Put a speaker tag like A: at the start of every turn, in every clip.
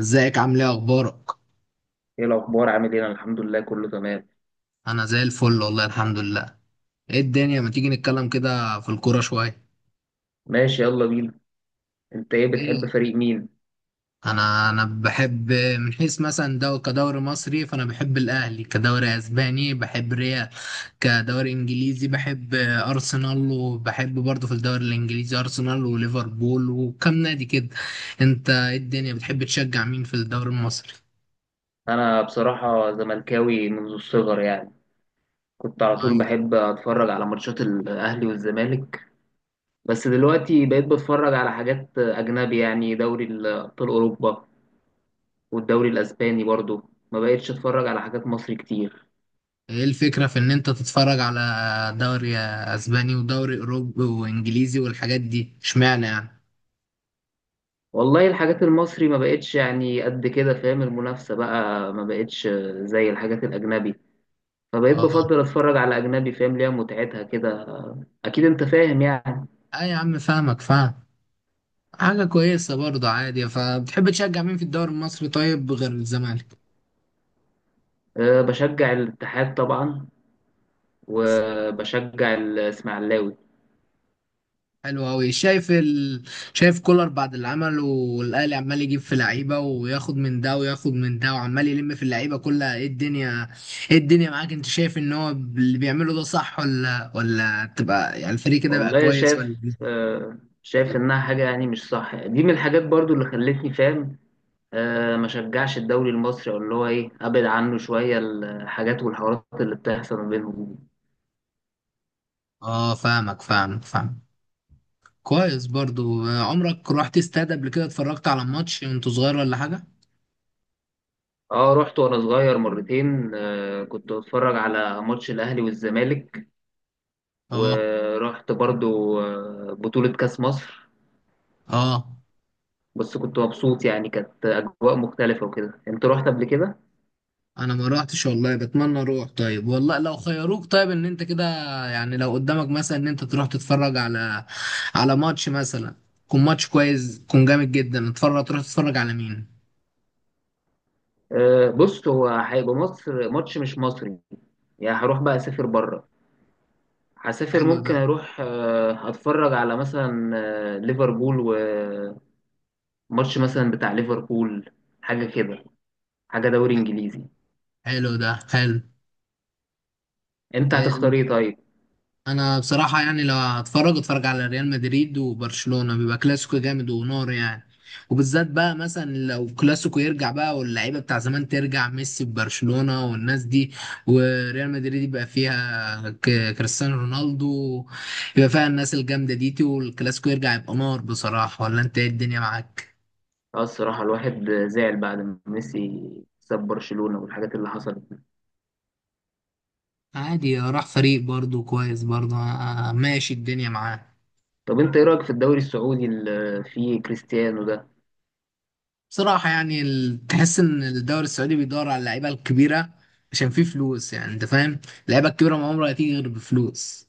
A: ازيك، عامل ايه، اخبارك؟
B: ايه الاخبار؟ عامل ايه؟ انا الحمد لله، كله تمام.
A: انا زي الفل والله، الحمد لله. ايه الدنيا، ما تيجي نتكلم كده في الكوره شويه؟
B: ماشي، يلا بينا. انت ايه؟
A: ايه؟
B: بتحب فريق مين؟
A: انا بحب من حيث مثلا، دو كدوري مصري فانا بحب الاهلي، كدوري اسباني بحب ريال، كدوري انجليزي بحب ارسنال، وبحب برضه في الدوري الانجليزي ارسنال وليفربول وكم نادي كده. انت ايه الدنيا، بتحب تشجع مين في الدوري المصري؟
B: انا بصراحه زملكاوي منذ الصغر يعني. كنت على طول
A: طيب.
B: بحب اتفرج على ماتشات الاهلي والزمالك. بس دلوقتي بقيت بتفرج على حاجات اجنبي، يعني دوري ابطال اوروبا والدوري الاسباني برضو. ما بقيتش اتفرج على حاجات مصري كتير.
A: ايه الفكرة في ان انت تتفرج على دوري اسباني ودوري اوروبي وانجليزي والحاجات دي، اشمعنى يعني؟
B: والله الحاجات المصري ما بقتش يعني قد كده، فاهم؟ المنافسه بقى ما بقتش زي الحاجات الاجنبي، فبقيت
A: اه.
B: بفضل اتفرج على اجنبي، فاهم ليها متعتها كده. اكيد انت فاهم يعني.
A: اه يا عم، فاهمك فاهم. حاجة كويسة برضه، عادي. فبتحب تشجع مين في الدوري المصري طيب غير الزمالك؟
B: أه، بشجع الاتحاد طبعا، وبشجع الاسماعيلاوي.
A: حلو أوي. شايف كولر بعد اللي عمله، والأهلي عمال يجيب في لعيبة، وياخد من ده وياخد من ده، وعمال يلم في اللعيبة كلها. ايه الدنيا معاك، انت شايف ان هو اللي بيعمله ده صح، ولا تبقى يعني الفريق كده بقى
B: والله
A: كويس، ولا
B: شايف
A: إيه؟
B: أه شايف انها حاجه يعني مش صح. دي من الحاجات برضو اللي خلتني فاهم. أه، ما شجعش الدوري المصري، او اللي هو ايه، ابعد عنه شويه الحاجات والحوارات اللي بتحصل ما بينهم دي.
A: اه، فاهمك فاهمك فاهم. كويس برضو. آه، عمرك رحت استاد قبل كده، اتفرجت على ماتش وانت صغير ولا حاجة؟
B: اه، رحت وانا صغير مرتين. أه، كنت بتفرج على ماتش الاهلي والزمالك.
A: اه.
B: ورحت برضو بطولة كأس مصر.
A: اه.
B: بس كنت مبسوط يعني، كانت أجواء مختلفة وكده. أنت رحت قبل كده؟
A: انا ما رحتش والله، بتمنى اروح. طيب والله، لو خيروك، طيب ان انت كده يعني، لو قدامك مثلا ان انت تروح تتفرج على ماتش مثلا، يكون ماتش كويس، يكون جامد جدا، اتفرج تروح تتفرج على مين؟
B: آه، بص، هو هيبقى مصر ماتش مش مصري، يعني هروح بقى أسافر بره. هسافر،
A: حلو ده.
B: ممكن أروح أتفرج على مثلا ليفربول، وماتش مثلا بتاع ليفربول، حاجة كده، حاجة دوري إنجليزي.
A: حلو ده حلو.
B: أنت
A: آه،
B: هتختار إيه طيب؟
A: انا بصراحه يعني لو هتفرج، اتفرج على ريال مدريد وبرشلونه، بيبقى كلاسيكو جامد ونار يعني. وبالذات بقى مثلا لو كلاسيكو يرجع بقى، واللعيبه بتاع زمان ترجع، ميسي ببرشلونه والناس دي، وريال مدريد يبقى فيها كريستيانو رونالدو، يبقى فيها الناس الجامده دي، والكلاسيكو يرجع يبقى نار بصراحه. ولا انت ايه الدنيا معاك؟
B: اه، الصراحة الواحد زعل بعد ما ميسي ساب برشلونة والحاجات اللي حصلت.
A: عادي، راح فريق برضو، كويس برضو. آه، ماشي الدنيا معاه.
B: طب انت ايه رايك في الدوري السعودي اللي فيه كريستيانو ده؟
A: بصراحة يعني تحس إن الدوري السعودي بيدور على اللعيبة الكبيرة عشان فيه فلوس، يعني أنت فاهم؟ اللعيبة الكبيرة ما عمرها هتيجي غير بفلوس.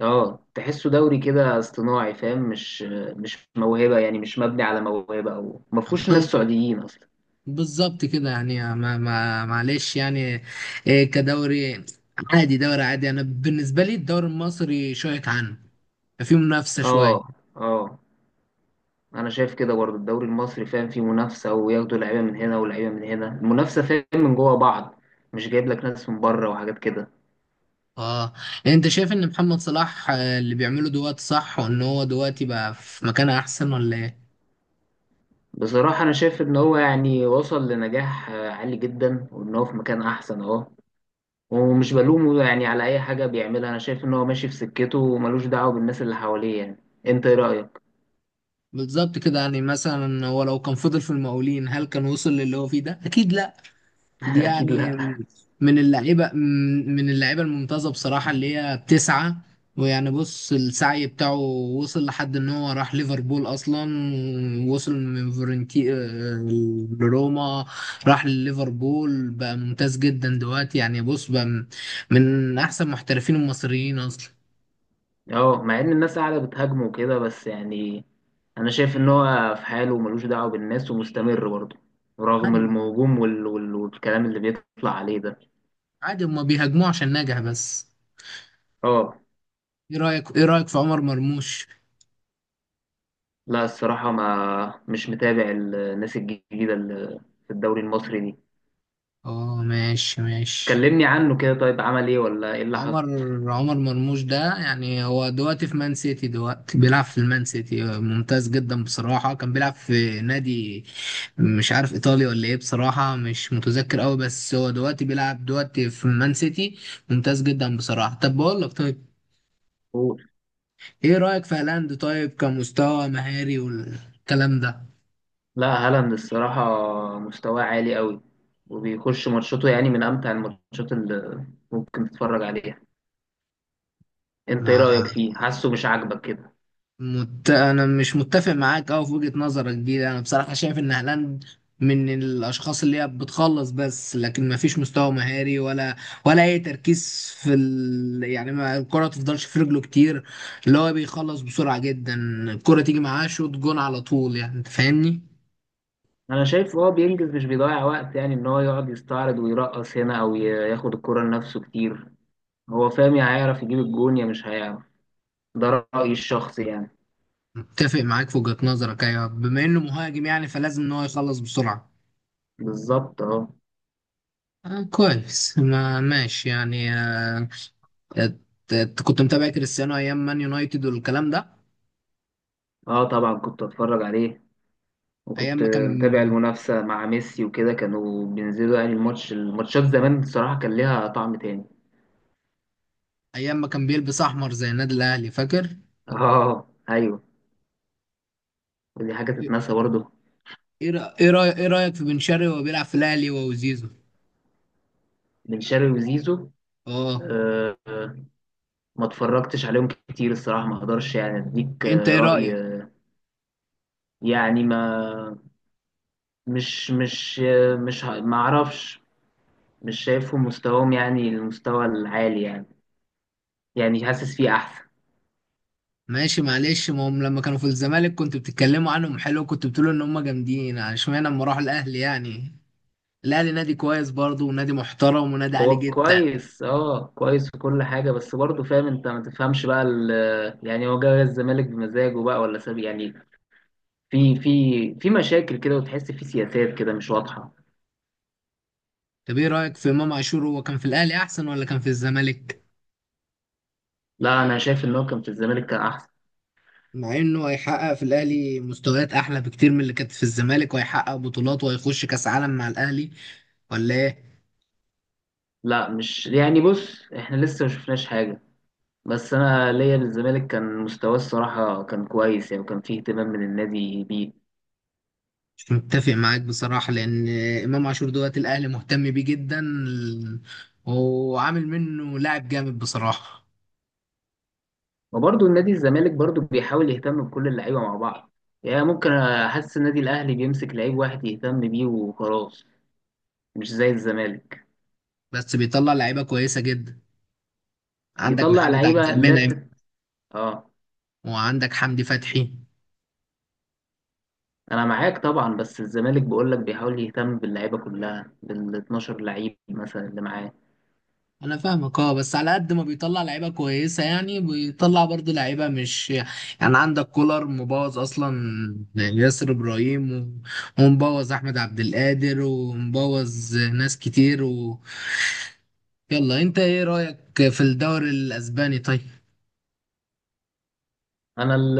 B: اه، تحسه دوري كده اصطناعي، فاهم؟ مش موهبه يعني، مش مبني على موهبه، او ما فيهوش ناس
A: ب-
B: سعوديين اصلا.
A: بالظبط كده يعني. آه، ما معلش يعني. إيه كدوري، عادي، دوري عادي. أنا بالنسبة لي الدوري المصري شوية عنه، فيه منافسة
B: اه،
A: شوية.
B: اه، انا شايف كده برضه. الدوري المصري، فاهم، فيه منافسه، وياخدوا لعيبه من هنا ولعيبه من هنا. المنافسه، فاهم، من جوه بعض، مش جايب لك ناس من بره وحاجات كده.
A: اه. يعني انت شايف ان محمد صلاح، آه، اللي بيعمله دلوقتي صح، وان هو دلوقتي بقى في مكان احسن، ولا ايه؟
B: بصراحه انا شايف ان هو يعني وصل لنجاح عالي جدا، وان هو في مكان احسن اهو. ومش بلومه يعني على أي حاجة بيعملها. أنا شايف إن هو ماشي في سكته وملوش دعوة بالناس اللي حواليه يعني. أنت إيه رأيك؟
A: بالظبط كده يعني، مثلا هو لو كان فضل في المقاولين، هل كان وصل للي هو فيه ده؟ اكيد لا. دي
B: أكيد
A: يعني
B: لأ.
A: من اللعيبه، من اللعيبه الممتازه بصراحه، اللي هي بتسعى، ويعني بص السعي بتاعه وصل لحد ان هو راح ليفربول اصلا. ووصل من فورنتي، آه، لروما. راح لليفربول بقى، ممتاز جدا دلوقتي يعني. بص بقى، من احسن محترفين المصريين اصلا.
B: أه، مع إن الناس قاعدة بتهاجمه وكده بس يعني، أنا شايف إن هو في حاله وملوش دعوة بالناس ومستمر برضه، رغم
A: عادي،
B: الهجوم والكلام اللي بيطلع عليه ده.
A: عادي، هما بيهاجموه عشان نجح بس.
B: أه.
A: ايه رأيك في عمر مرموش؟
B: لا، الصراحة ما مش متابع الناس الجديدة اللي في الدوري المصري دي.
A: اه، ماشي ماشي.
B: كلمني عنه كده، طيب عمل إيه ولا إيه اللي حصل؟
A: عمر عمر مرموش ده يعني، هو دلوقتي في مان سيتي، دلوقتي بيلعب في المان سيتي، ممتاز جدا بصراحة. كان بيلعب في نادي، مش عارف ايطالي ولا ايه، بصراحة مش متذكر قوي. بس هو دلوقتي بيلعب دلوقتي في مان سيتي، ممتاز جدا بصراحة. طب بقول لك طيب، ايه رأيك في هالاند طيب، كمستوى مهاري والكلام ده؟
B: لا، هالاند الصراحة مستواه عالي قوي، وبيخش ماتشاته، يعني من أمتع الماتشات اللي ممكن تتفرج عليها. انت ايه
A: ما
B: رأيك فيه؟ حاسه مش عاجبك كده.
A: مت... انا مش متفق معاك أوي في وجهة نظرك دي. انا بصراحة شايف ان هالاند من الاشخاص اللي هي بتخلص بس، لكن ما فيش مستوى مهاري، ولا اي تركيز في يعني ما الكرة تفضلش في رجله كتير، اللي هو بيخلص بسرعة جدا. الكرة تيجي معاه شوط جون على طول يعني، انت فاهمني؟
B: انا شايف هو بينجز، مش بيضيع وقت، يعني ان هو يقعد يستعرض ويرقص هنا، او ياخد الكرة لنفسه كتير. هو فاهم، يا هيعرف يجيب الجون يا مش هيعرف. ده رأيي الشخصي يعني.
A: متفق معاك في وجهة نظرك، ايوه، بما انه مهاجم يعني، فلازم ان هو يخلص بسرعة.
B: بالظبط اهو.
A: آه كويس، ما ماشي يعني. ات- كنت متابع كريستيانو ايام مان يونايتد والكلام ده؟
B: اه، طبعا كنت اتفرج عليه،
A: ايام
B: وكنت
A: ما كان
B: متابع المنافسة مع ميسي وكده. كانوا بينزلوا يعني الماتشات زمان. الصراحة كان ليها طعم تاني.
A: ايام ما كان بيلبس احمر زي النادي الاهلي، فاكر؟
B: اه، ايوه، ودي حاجه تتنسى برضه.
A: ايه رأ- ايه رأي- ايه رايك في بن شرقي وهو بيلعب في الاهلي، هو وزيزو؟
B: بن شرقي وزيزو.
A: اه.
B: آه، آه، ما اتفرجتش عليهم كتير الصراحه. ما اقدرش يعني اديك
A: انت ايه رايك؟
B: راي. يعني ما مش مش آه، مش ه- ما اعرفش. مش شايفهم مستواهم، يعني المستوى العالي يعني، يعني حاسس فيه احسن.
A: ماشي، معلش. ما هم لما كانوا في الزمالك كنت بتتكلموا عنهم حلو، كنت بتقولوا ان هم جامدين، اشمعنى لما راحوا الاهلي يعني؟ الاهلي نادي كويس برضه، ونادي محترم، ونادي عالي
B: هو
A: جدا.
B: كويس، اه، كويس في كل حاجه، بس برضه فاهم. انت ما تفهمش بقى يعني هو جاي الزمالك بمزاجه بقى ولا ساب يعني، في مشاكل كده، وتحس في سياسات كده مش واضحه.
A: طب ايه رايك في امام عاشور، هو كان في الاهلي احسن ولا كان في الزمالك؟
B: لا، انا شايف ان هو كان في الزمالك كان احسن.
A: مع انه هيحقق في الاهلي مستويات احلى بكتير من اللي كانت في الزمالك، وهيحقق بطولات، وهيخش كاس عالم مع الاهلي، ولا ايه؟
B: لا، مش يعني، بص احنا لسه ما شفناش حاجه. بس انا ليا للزمالك كان مستواه الصراحه كان كويس يعني، وكان فيه اهتمام من النادي بيه.
A: مش متفق معاك بصراحة، لأن إمام عاشور دوت الأهلي مهتم بيه جدا، وعامل منه لاعب جامد بصراحة.
B: وبرضه النادي الزمالك برضه بيحاول يهتم بكل اللعيبه مع بعض، يعني ممكن احس النادي الاهلي بيمسك لعيب واحد يهتم بيه وخلاص، مش زي الزمالك.
A: بس بيطلع لعيبة كويسة جدا. عندك
B: بيطلع
A: محمد
B: لعيبه،
A: عبد
B: لا،
A: المنعم،
B: اه.
A: وعندك حمدي فتحي.
B: انا معاك طبعا، بس الزمالك بقول لك بيحاول يهتم باللعيبه كلها بال 12 لعيب مثلا اللي معاه.
A: أنا فاهمك، أه، بس على قد ما بيطلع لعيبة كويسة يعني، بيطلع برضه لعيبة مش يعني. عندك كولر مبوظ أصلا ياسر إبراهيم، ومبوظ أحمد عبد القادر، ومبوظ ناس كتير. يلا، انت ايه رأيك في الدوري الاسباني طيب؟
B: انا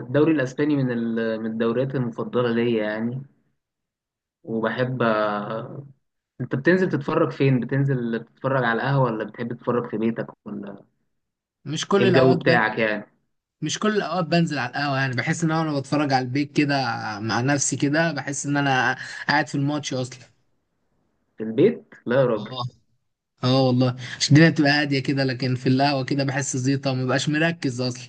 B: الدوري الاسباني من الدوريات المفضله ليا يعني. وبحب. انت بتنزل تتفرج فين؟ بتنزل تتفرج على القهوه ولا بتحب تتفرج في بيتك؟ ولا
A: مش
B: ايه
A: كل
B: الجو
A: الاوقات بن...
B: بتاعك يعني؟
A: مش كل الاوقات بنزل على القهوة يعني. بحس ان انا وانا بتفرج على البيت كده، مع نفسي كده، بحس ان انا قاعد في الماتش اصلا.
B: في البيت؟ لا يا راجل.
A: اه. اه والله، عشان الدنيا بتبقى هادية كده، لكن في القهوة كده بحس زيطة، ومبقاش مركز اصلا.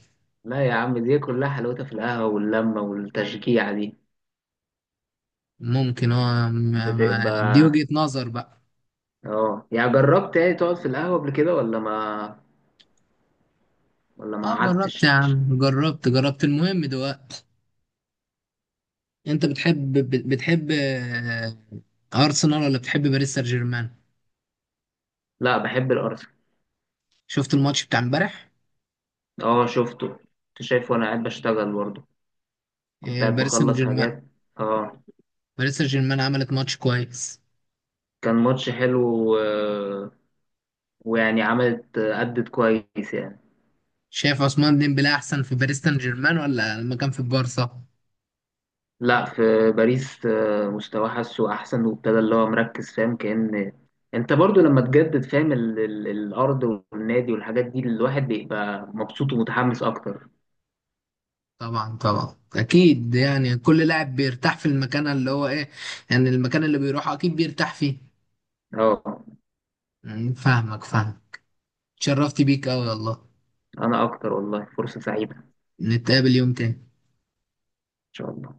B: لا يا عم، دي كلها حلاوتها في القهوه واللمه والتشجيع دي،
A: ممكن. اه، ما... ما... دي
B: بتبقى.
A: وجهة نظر بقى.
B: اه، يعني جربت يعني تقعد في القهوه قبل كده ولا ما
A: اه، جربت يا
B: قعدتش؟
A: عم، جربت جربت. المهم دلوقتي، انت بتحب، بتحب، آه، ارسنال، ولا بتحب باريس سان جيرمان؟
B: لا، بحب الارسنال.
A: شفت الماتش بتاع امبارح؟
B: اه، شفته، كنت شايفه وانا قاعد بشتغل برضه، كنت
A: آه،
B: قاعد
A: باريس سان
B: بخلص
A: جيرمان.
B: حاجات. اه.
A: باريس سان جيرمان عملت ماتش كويس.
B: كان ماتش حلو. ويعني عملت أدت كويس يعني.
A: شايف عثمان ديمبلي احسن في باريس سان جيرمان، ولا لما كان في البارسا؟
B: لا، في باريس مستواه حاسه أحسن، وابتدى اللي هو مركز، فاهم؟ كأن أنت برضو لما تجدد، فاهم الأرض والنادي والحاجات دي، الواحد بيبقى مبسوط ومتحمس أكتر.
A: طبعا طبعا اكيد يعني، كل لاعب بيرتاح في المكان اللي هو ايه، يعني المكان اللي بيروحه اكيد بيرتاح فيه.
B: أه.
A: فاهمك فاهم. اتشرفت بيك قوي والله.
B: أنا أكتر والله. فرصة سعيدة إن
A: نتقابل يوم تاني.
B: شاء الله